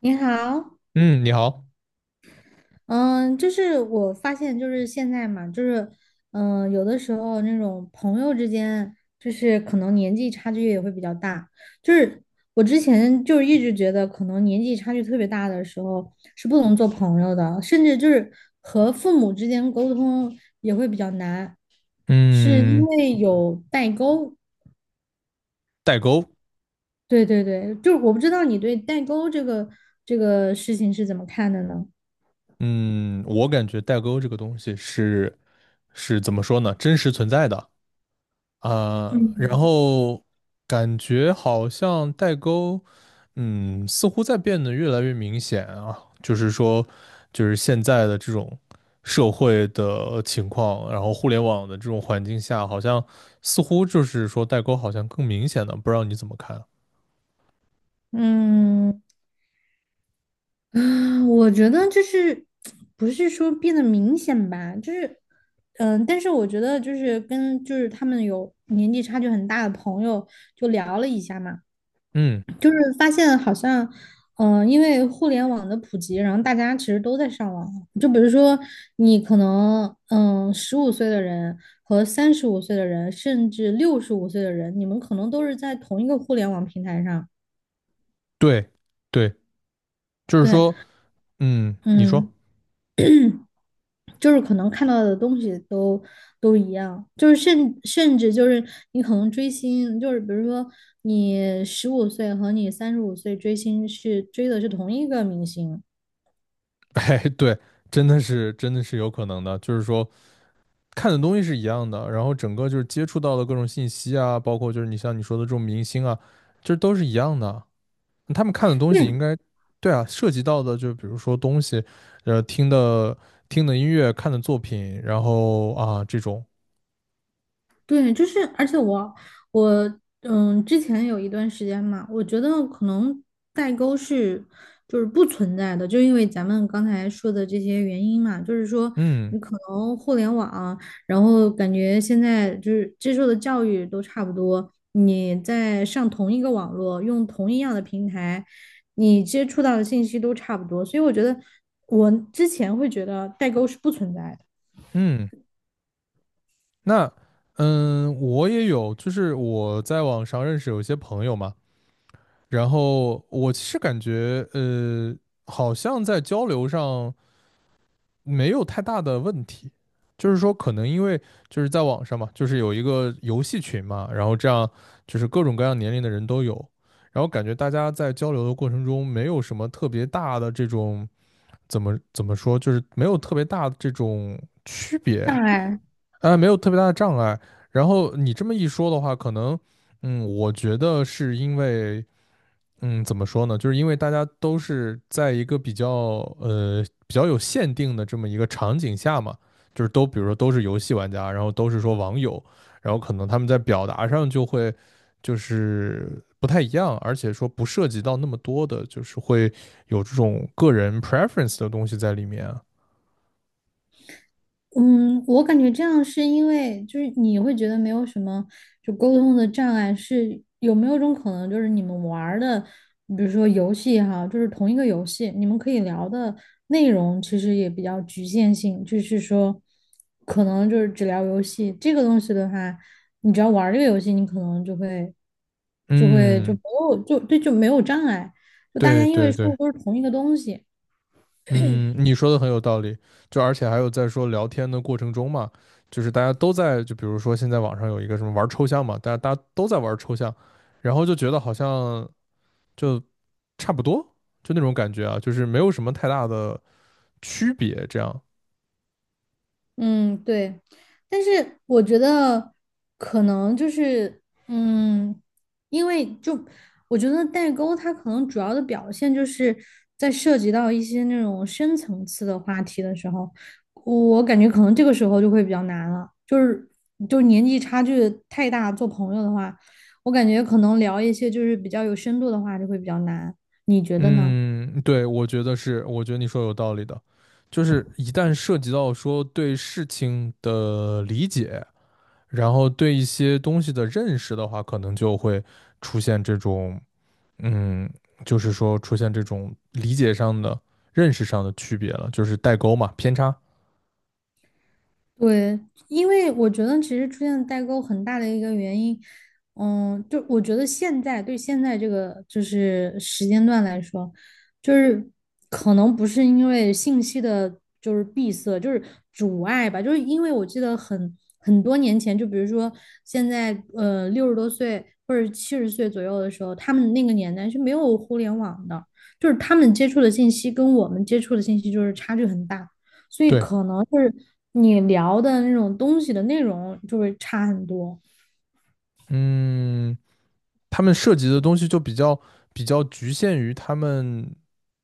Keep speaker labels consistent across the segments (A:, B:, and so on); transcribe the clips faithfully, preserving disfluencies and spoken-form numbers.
A: 你好。
B: 嗯，你好。
A: 嗯，就是我发现，就是现在嘛，就是，嗯，有的时候那种朋友之间，就是可能年纪差距也会比较大。就是我之前就是一直觉得，可能年纪差距特别大的时候是不能做朋友的，甚至就是和父母之间沟通也会比较难，是因
B: 嗯，
A: 为有代沟。
B: 代沟。
A: 对对对，就是我不知道你对代沟这个这个事情是怎么看的呢？
B: 嗯，我感觉代沟这个东西是是怎么说呢？真实存在的啊。然
A: 嗯
B: 后感觉好像代沟，嗯，似乎在变得越来越明显啊。就是说，就是现在的这种社会的情况，然后互联网的这种环境下，好像似乎就是说代沟好像更明显了，不知道你怎么看啊？
A: 嗯。嗯，我觉得就是不是说变得明显吧，就是嗯，但是我觉得就是跟就是他们有年纪差距很大的朋友就聊了一下嘛，
B: 嗯，
A: 就是发现好像嗯，呃因为互联网的普及，然后大家其实都在上网，就比如说你可能嗯十五岁的人和三十五岁的人，甚至六十五岁的人，你们可能都是在同一个互联网平台上。
B: 对，对，就是
A: 对。
B: 说，嗯，你说。
A: 嗯，就是可能看到的东西都都一样，就是甚甚至就是你可能追星，就是比如说你十五岁和你三十五岁追星是追的是同一个明星。
B: 哎，对，真的是真的是有可能的。就是说看的东西是一样的，然后整个就是接触到的各种信息啊，包括就是你像你说的这种明星啊，这都是一样的。他们看的东西应
A: 对，
B: 该，对啊，涉及到的就比如说东西，呃，听的听的音乐，看的作品，然后啊这种，
A: 对，就是，而且我我嗯，之前有一段时间嘛，我觉得可能代沟是就是不存在的，就因为咱们刚才说的这些原因嘛，就是说
B: 嗯。
A: 你可能互联网，然后感觉现在就是接受的教育都差不多，你在上同一个网络，用同一样的平台，你接触到的信息都差不多，所以我觉得我之前会觉得代沟是不存在的。
B: 嗯，那嗯，我也有，就是我在网上认识有一些朋友嘛。然后我其实感觉呃，好像在交流上没有太大的问题。就是说，可能因为就是在网上嘛，就是有一个游戏群嘛，然后这样就是各种各样年龄的人都有，然后感觉大家在交流的过程中，没有什么特别大的这种怎么怎么说，就是没有特别大的这种区别，
A: 障碍。
B: 啊，没有特别大的障碍。然后你这么一说的话，可能，嗯，我觉得是因为嗯，怎么说呢？就是因为大家都是在一个比较呃比较有限定的这么一个场景下嘛，就是都比如说都是游戏玩家，然后都是说网友，然后可能他们在表达上就会就是不太一样，而且说不涉及到那么多的，就是会有这种个人 preference 的东西在里面啊。
A: 嗯，我感觉这样是因为就是你会觉得没有什么就沟通的障碍，是有没有一种可能就是你们玩儿的，比如说游戏哈，就是同一个游戏，你们可以聊的内容其实也比较局限性，就是说可能就是只聊游戏这个东西的话，你只要玩儿这个游戏，你可能就会就会就
B: 嗯，
A: 没有就对就没有障碍，就大家
B: 对
A: 因为
B: 对
A: 说
B: 对。
A: 的都是同一个东西。
B: 嗯，你说的很有道理。就而且还有在说聊天的过程中嘛，就是大家都在，就比如说现在网上有一个什么玩抽象嘛，大家大家都在玩抽象，然后就觉得好像就差不多，就那种感觉啊，就是没有什么太大的区别，这样。
A: 嗯，对，但是我觉得可能就是，嗯，因为就我觉得代沟它可能主要的表现就是在涉及到一些那种深层次的话题的时候，我感觉可能这个时候就会比较难了，就是就是年纪差距太大，做朋友的话，我感觉可能聊一些就是比较有深度的话就会比较难，你觉得呢？
B: 嗯，对，我觉得是，我觉得你说有道理的。就是一旦涉及到说对事情的理解，然后对一些东西的认识的话，可能就会出现这种。嗯，就是说出现这种理解上的、认识上的区别了，就是代沟嘛，偏差。
A: 对，因为我觉得其实出现代沟很大的一个原因，嗯，就我觉得现在对现在这个就是时间段来说，就是可能不是因为信息的就是闭塞，就是阻碍吧，就是因为我记得很很多年前，就比如说现在呃六十多岁或者七十岁左右的时候，他们那个年代是没有互联网的，就是他们接触的信息跟我们接触的信息就是差距很大。所以
B: 对。
A: 可能是你聊的那种东西的内容就会差很多。
B: 嗯，他们涉及的东西就比较比较局限于他们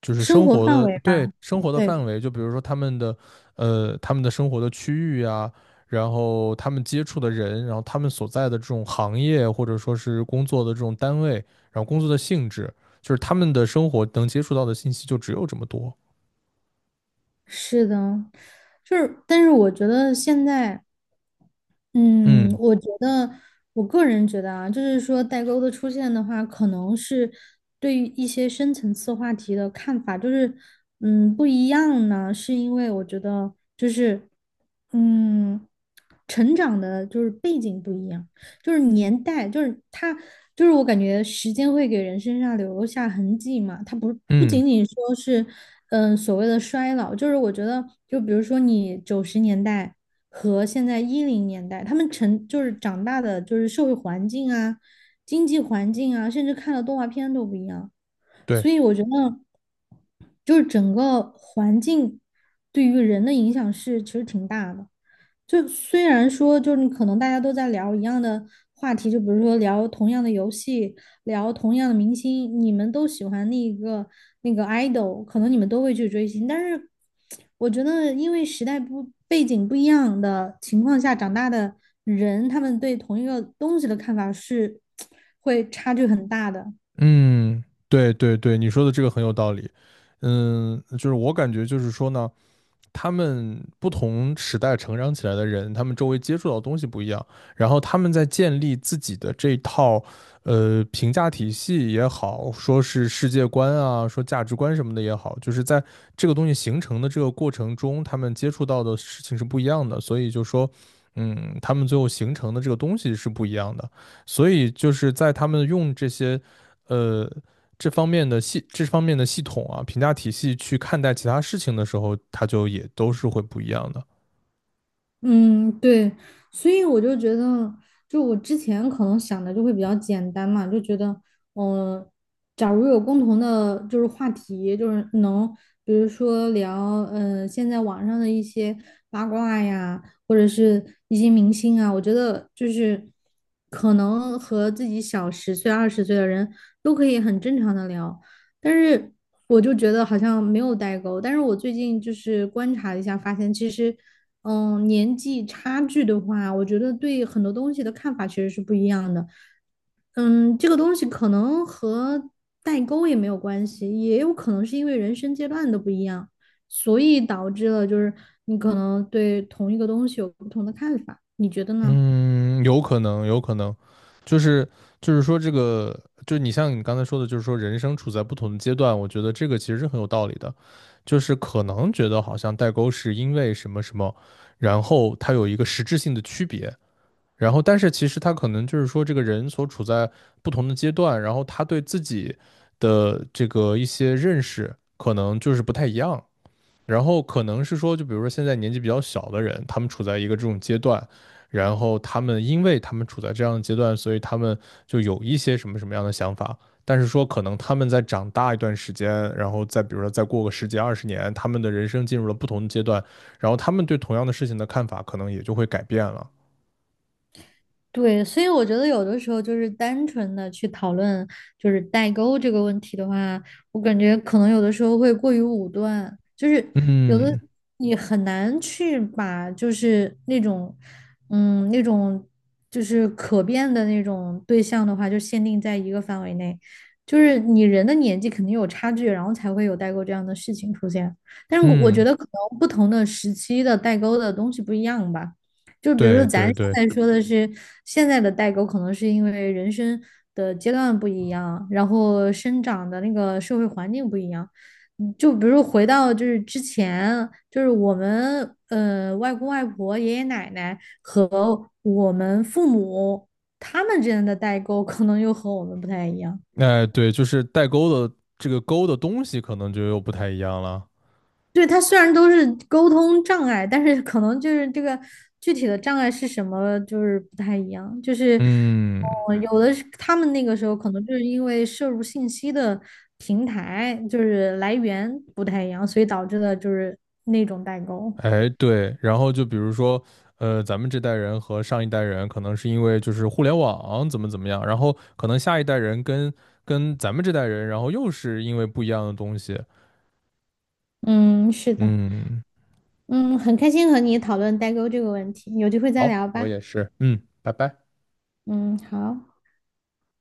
B: 就是
A: 生
B: 生
A: 活
B: 活
A: 范
B: 的，
A: 围
B: 对，
A: 吧。
B: 生活的范
A: 对，
B: 围。就比如说他们的呃他们的生活的区域啊，然后他们接触的人，然后他们所在的这种行业或者说是工作的这种单位，然后工作的性质，就是他们的生活能接触到的信息就只有这么多。
A: 是的，就是，但是我觉得现在嗯，
B: 嗯。
A: 我觉得，我个人觉得啊，就是说代沟的出现的话，可能是对于一些深层次话题的看法，就是嗯不一样呢，是因为我觉得就是嗯成长的就是背景不一样，就是年代，就是它就是我感觉时间会给人身上留下痕迹嘛，它不不
B: 嗯，
A: 仅仅说是嗯所谓的衰老，就是我觉得就比如说你九十年代。和现在一零年代，他们成就是长大的，就是社会环境啊、经济环境啊，甚至看的动画片都不一样。
B: 对。
A: 所以我觉得就是整个环境对于人的影响是其实挺大的。就虽然说，就是你可能大家都在聊一样的话题，就比如说聊同样的游戏，聊同样的明星，你们都喜欢那个那个 idol，可能你们都会去追星，但是我觉得，因为时代不背景不一样的情况下长大的人，他们对同一个东西的看法是 会差距很大的。
B: 嗯，对对对，你说的这个很有道理。嗯，就是我感觉就是说呢，他们不同时代成长起来的人，他们周围接触到的东西不一样，然后他们在建立自己的这套呃评价体系也好，说是世界观啊，说价值观什么的也好，就是在这个东西形成的这个过程中，他们接触到的事情是不一样的，所以就说。嗯，他们最后形成的这个东西是不一样的，所以就是在他们用这些，呃，这方面的系这方面的系统啊，评价体系去看待其他事情的时候，它就也都是会不一样的。
A: 嗯，对，所以我就觉得，就我之前可能想的就会比较简单嘛，就觉得，嗯、假如有共同的，就是话题，就是能，比如说聊，嗯、现在网上的一些八卦呀，或者是一些明星啊，我觉得就是可能和自己小十岁、二十岁的人都可以很正常的聊，但是我就觉得好像没有代沟。但是我最近就是观察一下，发现其实。嗯，年纪差距的话，我觉得对很多东西的看法其实是不一样的。嗯，这个东西可能和代沟也没有关系，也有可能是因为人生阶段的不一样，所以导致了就是你可能对同一个东西有不同的看法。你觉得呢？
B: 嗯，有可能，有可能。就是就是说这个，就是你像你刚才说的，就是说人生处在不同的阶段，我觉得这个其实是很有道理的。就是可能觉得好像代沟是因为什么什么，然后它有一个实质性的区别，然后，但是其实他可能就是说，这个人所处在不同的阶段，然后他对自己的这个一些认识，可能就是不太一样。然后可能是说，就比如说现在年纪比较小的人，他们处在一个这种阶段，然后他们因为他们处在这样的阶段，所以他们就有一些什么什么样的想法。但是说，可能他们在长大一段时间，然后再比如说再过个十几二十年，他们的人生进入了不同的阶段，然后他们对同样的事情的看法可能也就会改变了。
A: 对，所以我觉得有的时候就是单纯的去讨论就是代沟这个问题的话，我感觉可能有的时候会过于武断，就是有的
B: 嗯。
A: 你很难去把就是那种嗯那种就是可变的那种对象的话，就限定在一个范围内，就是你人的年纪肯定有差距，然后才会有代沟这样的事情出现。但是我我觉
B: 嗯，
A: 得可能不同的时期的代沟的东西不一样吧。就比如说
B: 对
A: 咱
B: 对对，
A: 现在说的是现在的代沟，可能是因为人生的阶段不一样，然后生长的那个社会环境不一样。嗯就比如回到就是之前，就是我们呃外公外婆、爷爷奶奶和我们父母他们之间的代沟，可能又和我们不太一样。
B: 哎、对，就是代沟的这个沟的东西可能就又不太一样了。
A: 对，他虽然都是沟通障碍，但是可能就是这个具体的障碍是什么，就是不太一样。就是，
B: 嗯，
A: 哦，有的是他们那个时候可能就是因为摄入信息的平台就是来源不太一样，所以导致的就是那种代沟。
B: 哎，对，然后就比如说，呃，咱们这代人和上一代人可能是因为就是互联网怎么怎么样，然后可能下一代人跟跟咱们这代人，然后又是因为不一样的东西。
A: 嗯，是的，
B: 嗯，
A: 嗯，很开心和你讨论代沟这个问题，有机会再
B: 好，
A: 聊
B: 我
A: 吧。
B: 也是，嗯，拜拜。
A: 嗯，好。